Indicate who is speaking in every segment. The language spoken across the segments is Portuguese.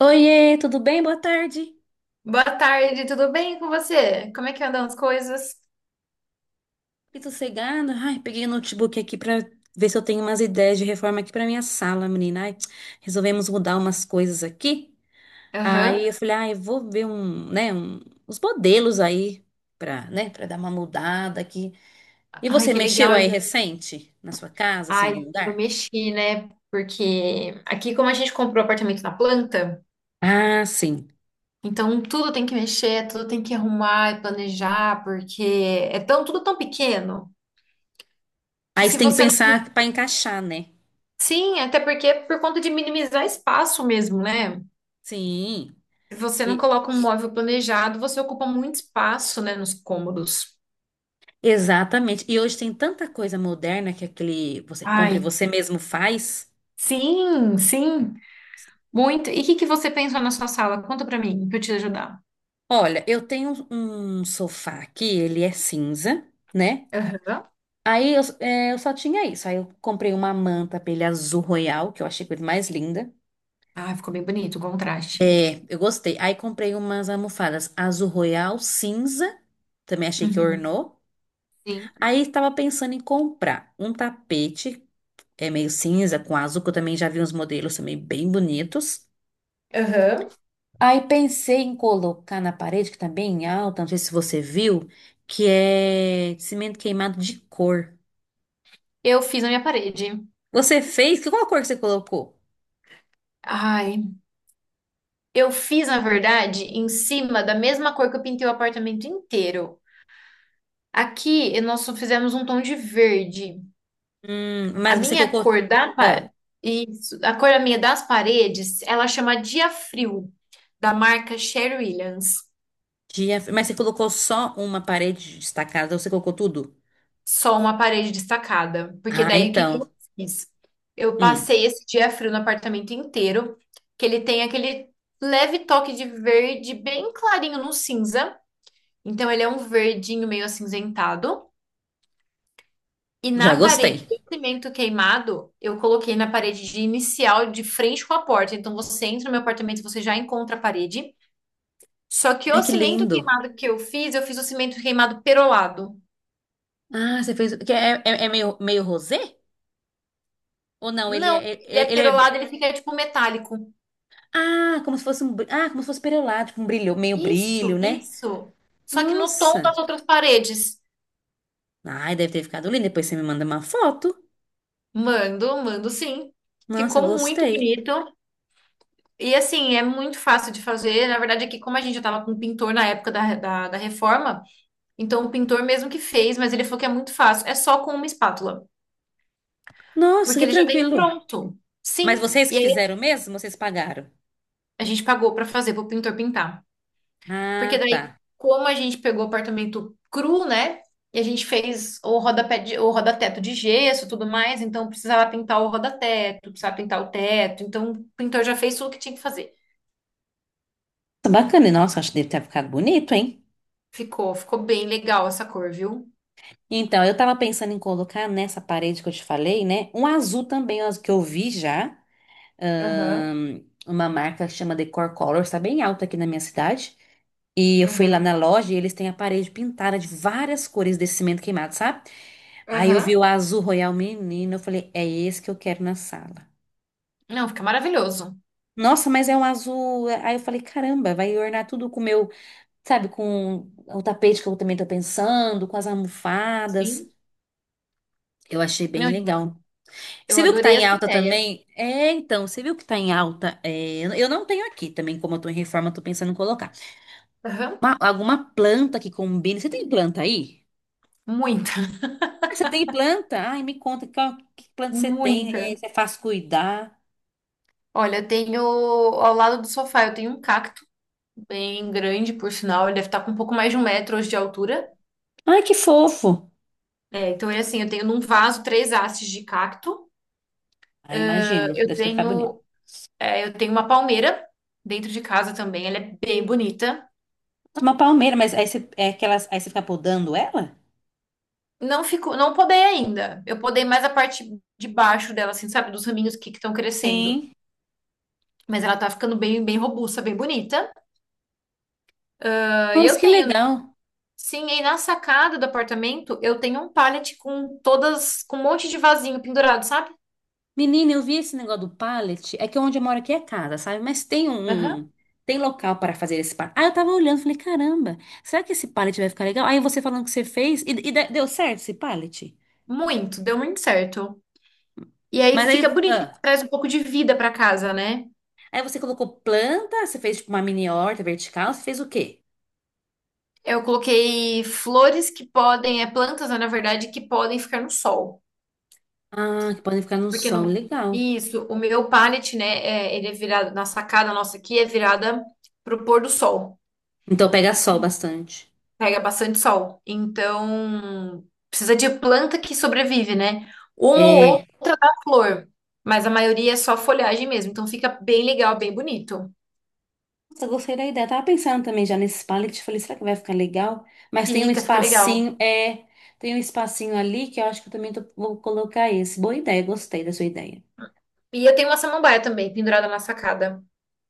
Speaker 1: Oiê, tudo bem? Boa tarde.
Speaker 2: Boa tarde, tudo bem com você? Como é que andam as coisas?
Speaker 1: Que sossegada. Ai, peguei o notebook aqui pra ver se eu tenho umas ideias de reforma aqui pra minha sala, menina. Ai, resolvemos mudar umas coisas aqui. Aí
Speaker 2: Aham.
Speaker 1: eu falei, ai, eu vou ver uns modelos aí pra, né, para dar uma mudada aqui. E
Speaker 2: Ai,
Speaker 1: você
Speaker 2: que
Speaker 1: mexeu
Speaker 2: legal.
Speaker 1: aí recente na sua casa, assim, em algum
Speaker 2: Ai, eu
Speaker 1: lugar?
Speaker 2: mexi, né? Porque aqui, como a gente comprou apartamento na planta,
Speaker 1: Ah, sim.
Speaker 2: então tudo tem que mexer, tudo tem que arrumar e planejar, porque é tão, tudo tão pequeno que
Speaker 1: Aí você
Speaker 2: se
Speaker 1: tem que
Speaker 2: você não.
Speaker 1: pensar pra encaixar, né?
Speaker 2: Sim, até porque é por conta de minimizar espaço mesmo, né?
Speaker 1: Sim.
Speaker 2: Se você não
Speaker 1: E-
Speaker 2: coloca um móvel planejado, você ocupa muito espaço, né, nos cômodos.
Speaker 1: Exatamente. E hoje tem tanta coisa moderna que aquele você compra e
Speaker 2: Ai,
Speaker 1: você mesmo faz.
Speaker 2: sim, sim. Muito. E o que que você pensou na sua sala? Conta pra mim, pra eu te ajudar.
Speaker 1: Olha, eu tenho um sofá aqui, ele é cinza, né?
Speaker 2: Aham.
Speaker 1: Aí eu, é, eu só tinha isso. Aí eu comprei uma manta pra ele azul royal, que eu achei a coisa mais linda.
Speaker 2: Ah, ficou bem bonito o contraste.
Speaker 1: É, eu gostei. Aí comprei umas almofadas azul royal, cinza, também achei que
Speaker 2: Uhum.
Speaker 1: ornou.
Speaker 2: Sim.
Speaker 1: Aí tava pensando em comprar um tapete, é meio cinza com azul, que eu também já vi uns modelos também bem bonitos.
Speaker 2: Aham.
Speaker 1: Aí pensei em colocar na parede, que tá bem alta, não sei se você viu, que é cimento queimado de cor.
Speaker 2: Eu fiz na minha parede.
Speaker 1: Você fez? Qual a cor que você colocou?
Speaker 2: Ai, eu fiz, na verdade, em cima da mesma cor que eu pintei o apartamento inteiro. Aqui nós só fizemos um tom de verde. A
Speaker 1: Mas você
Speaker 2: minha
Speaker 1: colocou.
Speaker 2: cor da
Speaker 1: Ah,
Speaker 2: pa- Isso, a cor da minha das paredes, ela chama Dia Frio, da marca Sherwin Williams.
Speaker 1: dia, mas você colocou só uma parede destacada ou você colocou tudo?
Speaker 2: Só uma parede destacada. Porque
Speaker 1: Ah,
Speaker 2: daí o que que
Speaker 1: então.
Speaker 2: eu fiz? Eu
Speaker 1: Hum,
Speaker 2: passei esse dia frio no apartamento inteiro, que ele tem aquele leve toque de verde bem clarinho no cinza. Então ele é um verdinho meio acinzentado. E
Speaker 1: já
Speaker 2: na parede
Speaker 1: gostei.
Speaker 2: do cimento queimado, eu coloquei na parede de inicial de frente com a porta. Então você entra no meu apartamento, e você já encontra a parede. Só que
Speaker 1: Ai,
Speaker 2: o
Speaker 1: que
Speaker 2: cimento
Speaker 1: lindo.
Speaker 2: queimado que eu fiz o cimento queimado perolado.
Speaker 1: Ah, você fez. Que É, é, é meio, meio rosé? Ou não? Ele
Speaker 2: Não,
Speaker 1: é,
Speaker 2: ele
Speaker 1: ele
Speaker 2: é
Speaker 1: ele é.
Speaker 2: perolado, ele fica tipo metálico.
Speaker 1: Ah, como se fosse um. Br- Ah, como se fosse perolado, tipo um brilho, meio
Speaker 2: Isso,
Speaker 1: brilho, né?
Speaker 2: isso. Só que no tom
Speaker 1: Nossa.
Speaker 2: das outras paredes.
Speaker 1: Ai, deve ter ficado lindo. Depois você me manda uma foto.
Speaker 2: Mando, mando sim.
Speaker 1: Nossa,
Speaker 2: Ficou muito
Speaker 1: gostei.
Speaker 2: bonito. E assim, é muito fácil de fazer. Na verdade, aqui, como a gente já estava com um pintor na época da reforma, então o pintor mesmo que fez, mas ele falou que é muito fácil. É só com uma espátula.
Speaker 1: Nossa,
Speaker 2: Porque
Speaker 1: que
Speaker 2: ele já vem
Speaker 1: tranquilo.
Speaker 2: pronto.
Speaker 1: Mas
Speaker 2: Sim.
Speaker 1: vocês
Speaker 2: E
Speaker 1: que
Speaker 2: aí
Speaker 1: fizeram mesmo, vocês pagaram?
Speaker 2: a gente pagou para fazer, para o pintor pintar. Porque
Speaker 1: Ah,
Speaker 2: daí,
Speaker 1: tá.
Speaker 2: como a gente pegou o apartamento cru, né? E a gente fez o rodapé de, o rodateto de gesso, e tudo mais, então precisava pintar o rodateto, precisava pintar o teto. Então, o pintor já fez tudo que tinha que fazer.
Speaker 1: Tá bacana, e nossa, acho que deve ter ficado bonito, hein?
Speaker 2: Ficou, ficou bem legal essa cor, viu?
Speaker 1: Então, eu tava pensando em colocar nessa parede que eu te falei, né? Um azul também, ó, que eu vi já.
Speaker 2: Aham,
Speaker 1: ahn, uma marca que chama Decor Colors, tá bem alta aqui na minha cidade. E eu fui lá
Speaker 2: aham,
Speaker 1: na loja e eles têm a parede pintada de várias cores desse cimento queimado, sabe? Aí eu
Speaker 2: aham.
Speaker 1: vi o azul royal menino, eu falei, é esse que eu quero na sala.
Speaker 2: Não, fica maravilhoso.
Speaker 1: Nossa, mas é um azul. Aí eu falei, caramba, vai ornar tudo com o meu, sabe, com o tapete que eu também tô pensando, com as almofadas.
Speaker 2: Sim.
Speaker 1: Eu achei bem
Speaker 2: Não,
Speaker 1: legal.
Speaker 2: eu
Speaker 1: Você viu que tá
Speaker 2: adorei
Speaker 1: em
Speaker 2: essa
Speaker 1: alta
Speaker 2: ideia.
Speaker 1: também? É, então, você viu que tá em alta? É, eu não tenho aqui também, como eu tô em reforma, eu tô pensando em colocar.
Speaker 2: Aham.
Speaker 1: Alguma planta que combine. Você tem planta aí?
Speaker 2: Muita,
Speaker 1: Ah, você tem planta? Ai, me conta que planta você tem,
Speaker 2: muita.
Speaker 1: é, você faz cuidar.
Speaker 2: Olha, eu tenho ao lado do sofá, eu tenho um cacto bem grande, por sinal, ele deve estar com um pouco mais de 1 metro hoje de altura.
Speaker 1: Ai, que fofo.
Speaker 2: É, então é assim, eu tenho num vaso 3 hastes de cacto,
Speaker 1: Ai, imagino,
Speaker 2: eu
Speaker 1: deve ficar bonito.
Speaker 2: tenho, eu tenho uma palmeira dentro de casa também, ela é bem bonita.
Speaker 1: Tá. Uma palmeira, mas aí você, é aquelas, aí você fica podando ela?
Speaker 2: Não ficou, não podei ainda. Eu podei mais a parte de baixo dela, assim, sabe, dos raminhos que estão crescendo.
Speaker 1: Sim.
Speaker 2: Mas ela tá ficando bem, bem robusta, bem bonita. E
Speaker 1: Nossa,
Speaker 2: eu
Speaker 1: que
Speaker 2: tenho, né?
Speaker 1: legal.
Speaker 2: Sim, e na sacada do apartamento eu tenho um pallet com todas, com um monte de vasinho pendurado, sabe?
Speaker 1: Menina, eu vi esse negócio do pallet. É que onde eu moro aqui é casa, sabe?
Speaker 2: Aham.
Speaker 1: Tem local para fazer esse pallet. Ah, eu tava olhando, falei, caramba, será que esse pallet vai ficar legal? Aí você falando que você fez, e, deu certo esse pallet?
Speaker 2: Muito, deu muito certo. E aí
Speaker 1: Mas
Speaker 2: fica
Speaker 1: aí.
Speaker 2: bonito,
Speaker 1: ah,
Speaker 2: traz um pouco de vida pra casa, né?
Speaker 1: Aí você colocou planta, você fez tipo uma mini horta vertical, você fez o quê?
Speaker 2: Eu coloquei flores que podem, é plantas, né, na verdade, que podem ficar no sol.
Speaker 1: Ah, que podem ficar no
Speaker 2: Porque
Speaker 1: sol,
Speaker 2: no,
Speaker 1: legal.
Speaker 2: isso, o meu pallet, né, ele é virado, na sacada nossa aqui, é virada pro pôr do sol.
Speaker 1: Então pega sol bastante.
Speaker 2: Pega bastante sol. Então, precisa de planta que sobrevive, né? Uma
Speaker 1: É.
Speaker 2: ou outra dá flor, mas a maioria é só folhagem mesmo. Então, fica bem legal, bem bonito.
Speaker 1: Nossa, eu gostei da ideia. Tava pensando também já nesse pallet. Falei, será que vai ficar legal? Mas tem um
Speaker 2: Fica, fica legal.
Speaker 1: espacinho, é, tem um espacinho ali que eu acho que eu também vou colocar esse. Boa ideia, gostei da sua ideia.
Speaker 2: E eu tenho uma samambaia também, pendurada na sacada.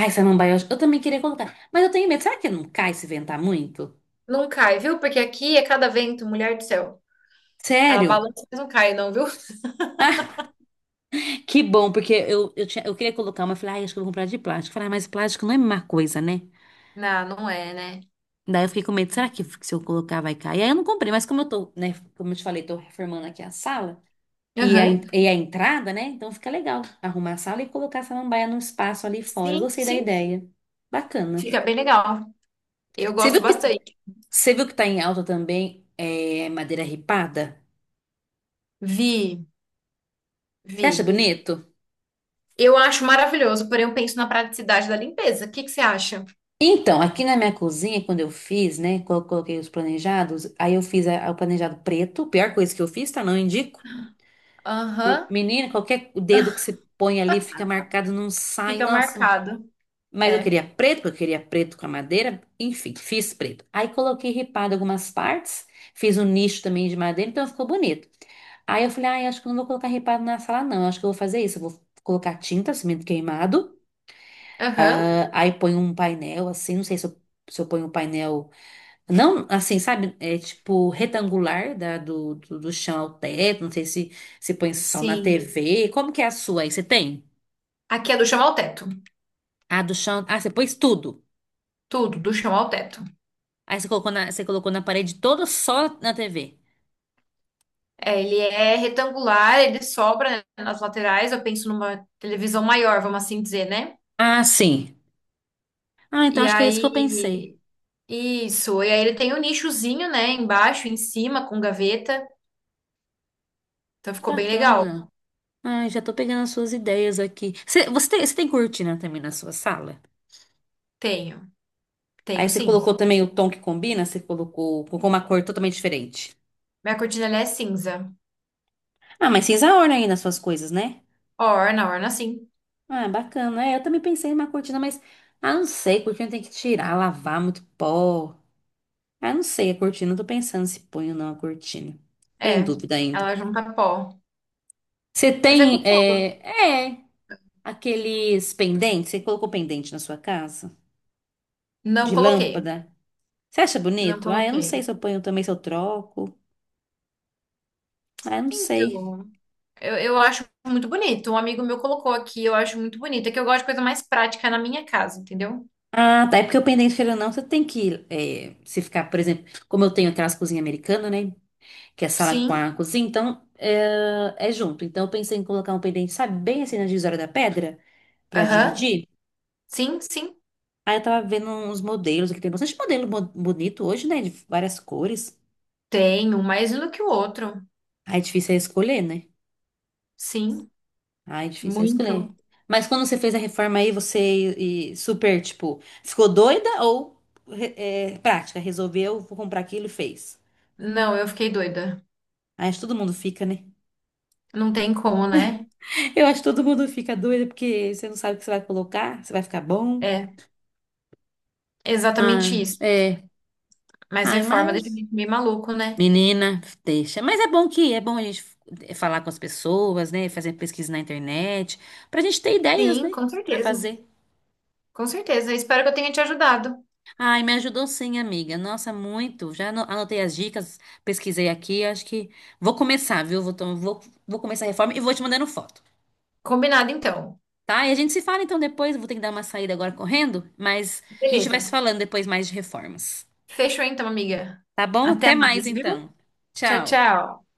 Speaker 1: Ai, samambaia, eu acho- Eu também queria colocar. Mas eu tenho medo. Será que não cai se ventar muito?
Speaker 2: Não cai, viu? Porque aqui é cada vento, mulher do céu. Ela
Speaker 1: Sério?
Speaker 2: balança, mas não cai, não, viu?
Speaker 1: Ah, que bom, porque tinha, eu queria colocar uma. Eu falei, ai, acho que eu vou comprar de plástico. Eu falei, ah, mas plástico não é uma coisa, né?
Speaker 2: Não, não é, né?
Speaker 1: Daí eu fiquei com medo, será que se eu colocar vai cair? Aí eu não comprei, mas como eu tô, né, como eu te falei, tô reformando aqui a sala.
Speaker 2: Aham.
Speaker 1: E a entrada, né? Então fica legal arrumar a sala e colocar a samambaia num espaço ali fora.
Speaker 2: Sim,
Speaker 1: Gostei da
Speaker 2: sim.
Speaker 1: ideia. Bacana.
Speaker 2: Fica bem legal. Eu
Speaker 1: Você
Speaker 2: gosto
Speaker 1: viu que,
Speaker 2: bastante.
Speaker 1: Você viu que tá em alta também é, madeira ripada?
Speaker 2: Vi,
Speaker 1: Você acha
Speaker 2: vi.
Speaker 1: bonito?
Speaker 2: Eu acho maravilhoso, porém eu penso na praticidade da limpeza. O que que você acha?
Speaker 1: Então, aqui na minha cozinha, quando eu fiz, né? Quando eu coloquei os planejados, aí eu fiz o planejado preto. Pior coisa que eu fiz, tá? Não indico.
Speaker 2: Aham.
Speaker 1: Menina, qualquer dedo que você põe ali fica marcado, não sai.
Speaker 2: Fica
Speaker 1: Nossa,
Speaker 2: marcado.
Speaker 1: mas eu
Speaker 2: É.
Speaker 1: queria preto, porque eu queria preto com a madeira. Enfim, fiz preto. Aí coloquei ripado algumas partes, fiz um nicho também de madeira, então ficou bonito. Aí eu falei, ai, acho que eu não vou colocar ripado na sala, não. Acho que eu vou fazer isso. Eu vou colocar tinta, cimento queimado.
Speaker 2: Aham.
Speaker 1: Aí ponho um painel, assim, não sei se eu, se eu ponho um painel. Não, assim, sabe? É tipo retangular da, do chão ao teto. Não sei se, se põe só na
Speaker 2: Sim.
Speaker 1: TV. Como que é a sua aí? Você tem?
Speaker 2: Aqui é do chão ao teto.
Speaker 1: Ah, do chão. Ah, você pôs tudo.
Speaker 2: Tudo, do chão ao teto.
Speaker 1: Aí você colocou na parede toda só na TV.
Speaker 2: É, ele é retangular, ele sobra, né, nas laterais. Eu penso numa televisão maior, vamos assim dizer, né?
Speaker 1: Ah, sim. Ah, então
Speaker 2: E
Speaker 1: acho que é isso que eu pensei.
Speaker 2: aí isso. E aí ele tem o nichozinho, né? Embaixo, em cima, com gaveta. Então
Speaker 1: Que
Speaker 2: ficou bem legal.
Speaker 1: bacana. Ai, já tô pegando as suas ideias aqui. Você tem, você tem cortina também na sua sala?
Speaker 2: Tenho.
Speaker 1: Aí
Speaker 2: Tenho
Speaker 1: você
Speaker 2: sim.
Speaker 1: colocou também o tom que combina, você colocou, colocou uma cor totalmente diferente.
Speaker 2: Minha cortina ela é cinza.
Speaker 1: Ah, mas cinza orna aí nas suas coisas, né?
Speaker 2: Orna, orna sim.
Speaker 1: Ah, bacana. É, eu também pensei em uma cortina, mas. Ah, não sei, cortina tem que tirar, lavar, muito pó. Ah, não sei, a cortina, eu tô pensando se põe ou não a cortina. Tô em
Speaker 2: É.
Speaker 1: dúvida ainda.
Speaker 2: Ela junta pó.
Speaker 1: Você
Speaker 2: Mas é
Speaker 1: tem.
Speaker 2: gostoso.
Speaker 1: É, é. Aqueles pendentes, você colocou pendente na sua casa?
Speaker 2: Não
Speaker 1: De
Speaker 2: coloquei.
Speaker 1: lâmpada? Você acha
Speaker 2: Não
Speaker 1: bonito? Ah, eu não sei
Speaker 2: coloquei.
Speaker 1: se eu ponho também, se eu troco. Ah, eu não sei.
Speaker 2: Então, eu acho muito bonito. Um amigo meu colocou aqui, eu acho muito bonito. É que eu gosto de coisa mais prática na minha casa, entendeu?
Speaker 1: Ah, tá. É porque o pendente, querendo ou não, você tem que é, se ficar, por exemplo, como eu tenho aquelas cozinhas americanas, né? Que é sala com
Speaker 2: Sim.
Speaker 1: a cozinha, então é, é junto. Então eu pensei em colocar um pendente, sabe, bem assim na divisória da pedra, pra
Speaker 2: Aham.
Speaker 1: dividir.
Speaker 2: Sim, sim.
Speaker 1: Aí eu tava vendo uns modelos, que tem bastante modelo bonito hoje, né? De várias cores.
Speaker 2: Tenho, mais um do que o outro.
Speaker 1: Aí é difícil é escolher, né?
Speaker 2: Sim,
Speaker 1: Ai, difícil é escolher.
Speaker 2: muito.
Speaker 1: Mas quando você fez a reforma aí, você e super, tipo, ficou doida ou é, prática? Resolveu, vou comprar aquilo e fez.
Speaker 2: Não, eu fiquei doida.
Speaker 1: Aí acho que todo mundo fica, né?
Speaker 2: Não tem como, né?
Speaker 1: Eu acho que todo mundo fica doido porque você não sabe o que você vai colocar, se vai ficar bom.
Speaker 2: É, exatamente
Speaker 1: Ah,
Speaker 2: isso.
Speaker 1: é.
Speaker 2: Mas
Speaker 1: Ai,
Speaker 2: reforma deixa a
Speaker 1: mas.
Speaker 2: gente meio maluco, né?
Speaker 1: Menina, deixa. Mas é bom que é bom a gente falar com as pessoas, né? Fazer pesquisa na internet, pra gente ter ideias,
Speaker 2: Sim,
Speaker 1: né?
Speaker 2: com
Speaker 1: Pra
Speaker 2: certeza.
Speaker 1: fazer.
Speaker 2: Com certeza. Espero que eu tenha te ajudado.
Speaker 1: Ai, me ajudou sim, amiga. Nossa, muito. Já anotei as dicas, pesquisei aqui. Acho que vou começar, viu? Vou começar a reforma e vou te mandando foto,
Speaker 2: Combinado, então.
Speaker 1: tá? E a gente se fala então depois. Vou ter que dar uma saída agora correndo, mas a gente vai se
Speaker 2: Beleza.
Speaker 1: falando depois mais de reformas.
Speaker 2: Fechou, então, amiga.
Speaker 1: Tá bom?
Speaker 2: Até
Speaker 1: Até mais
Speaker 2: mais, viu?
Speaker 1: então.
Speaker 2: Tchau,
Speaker 1: Tchau.
Speaker 2: tchau.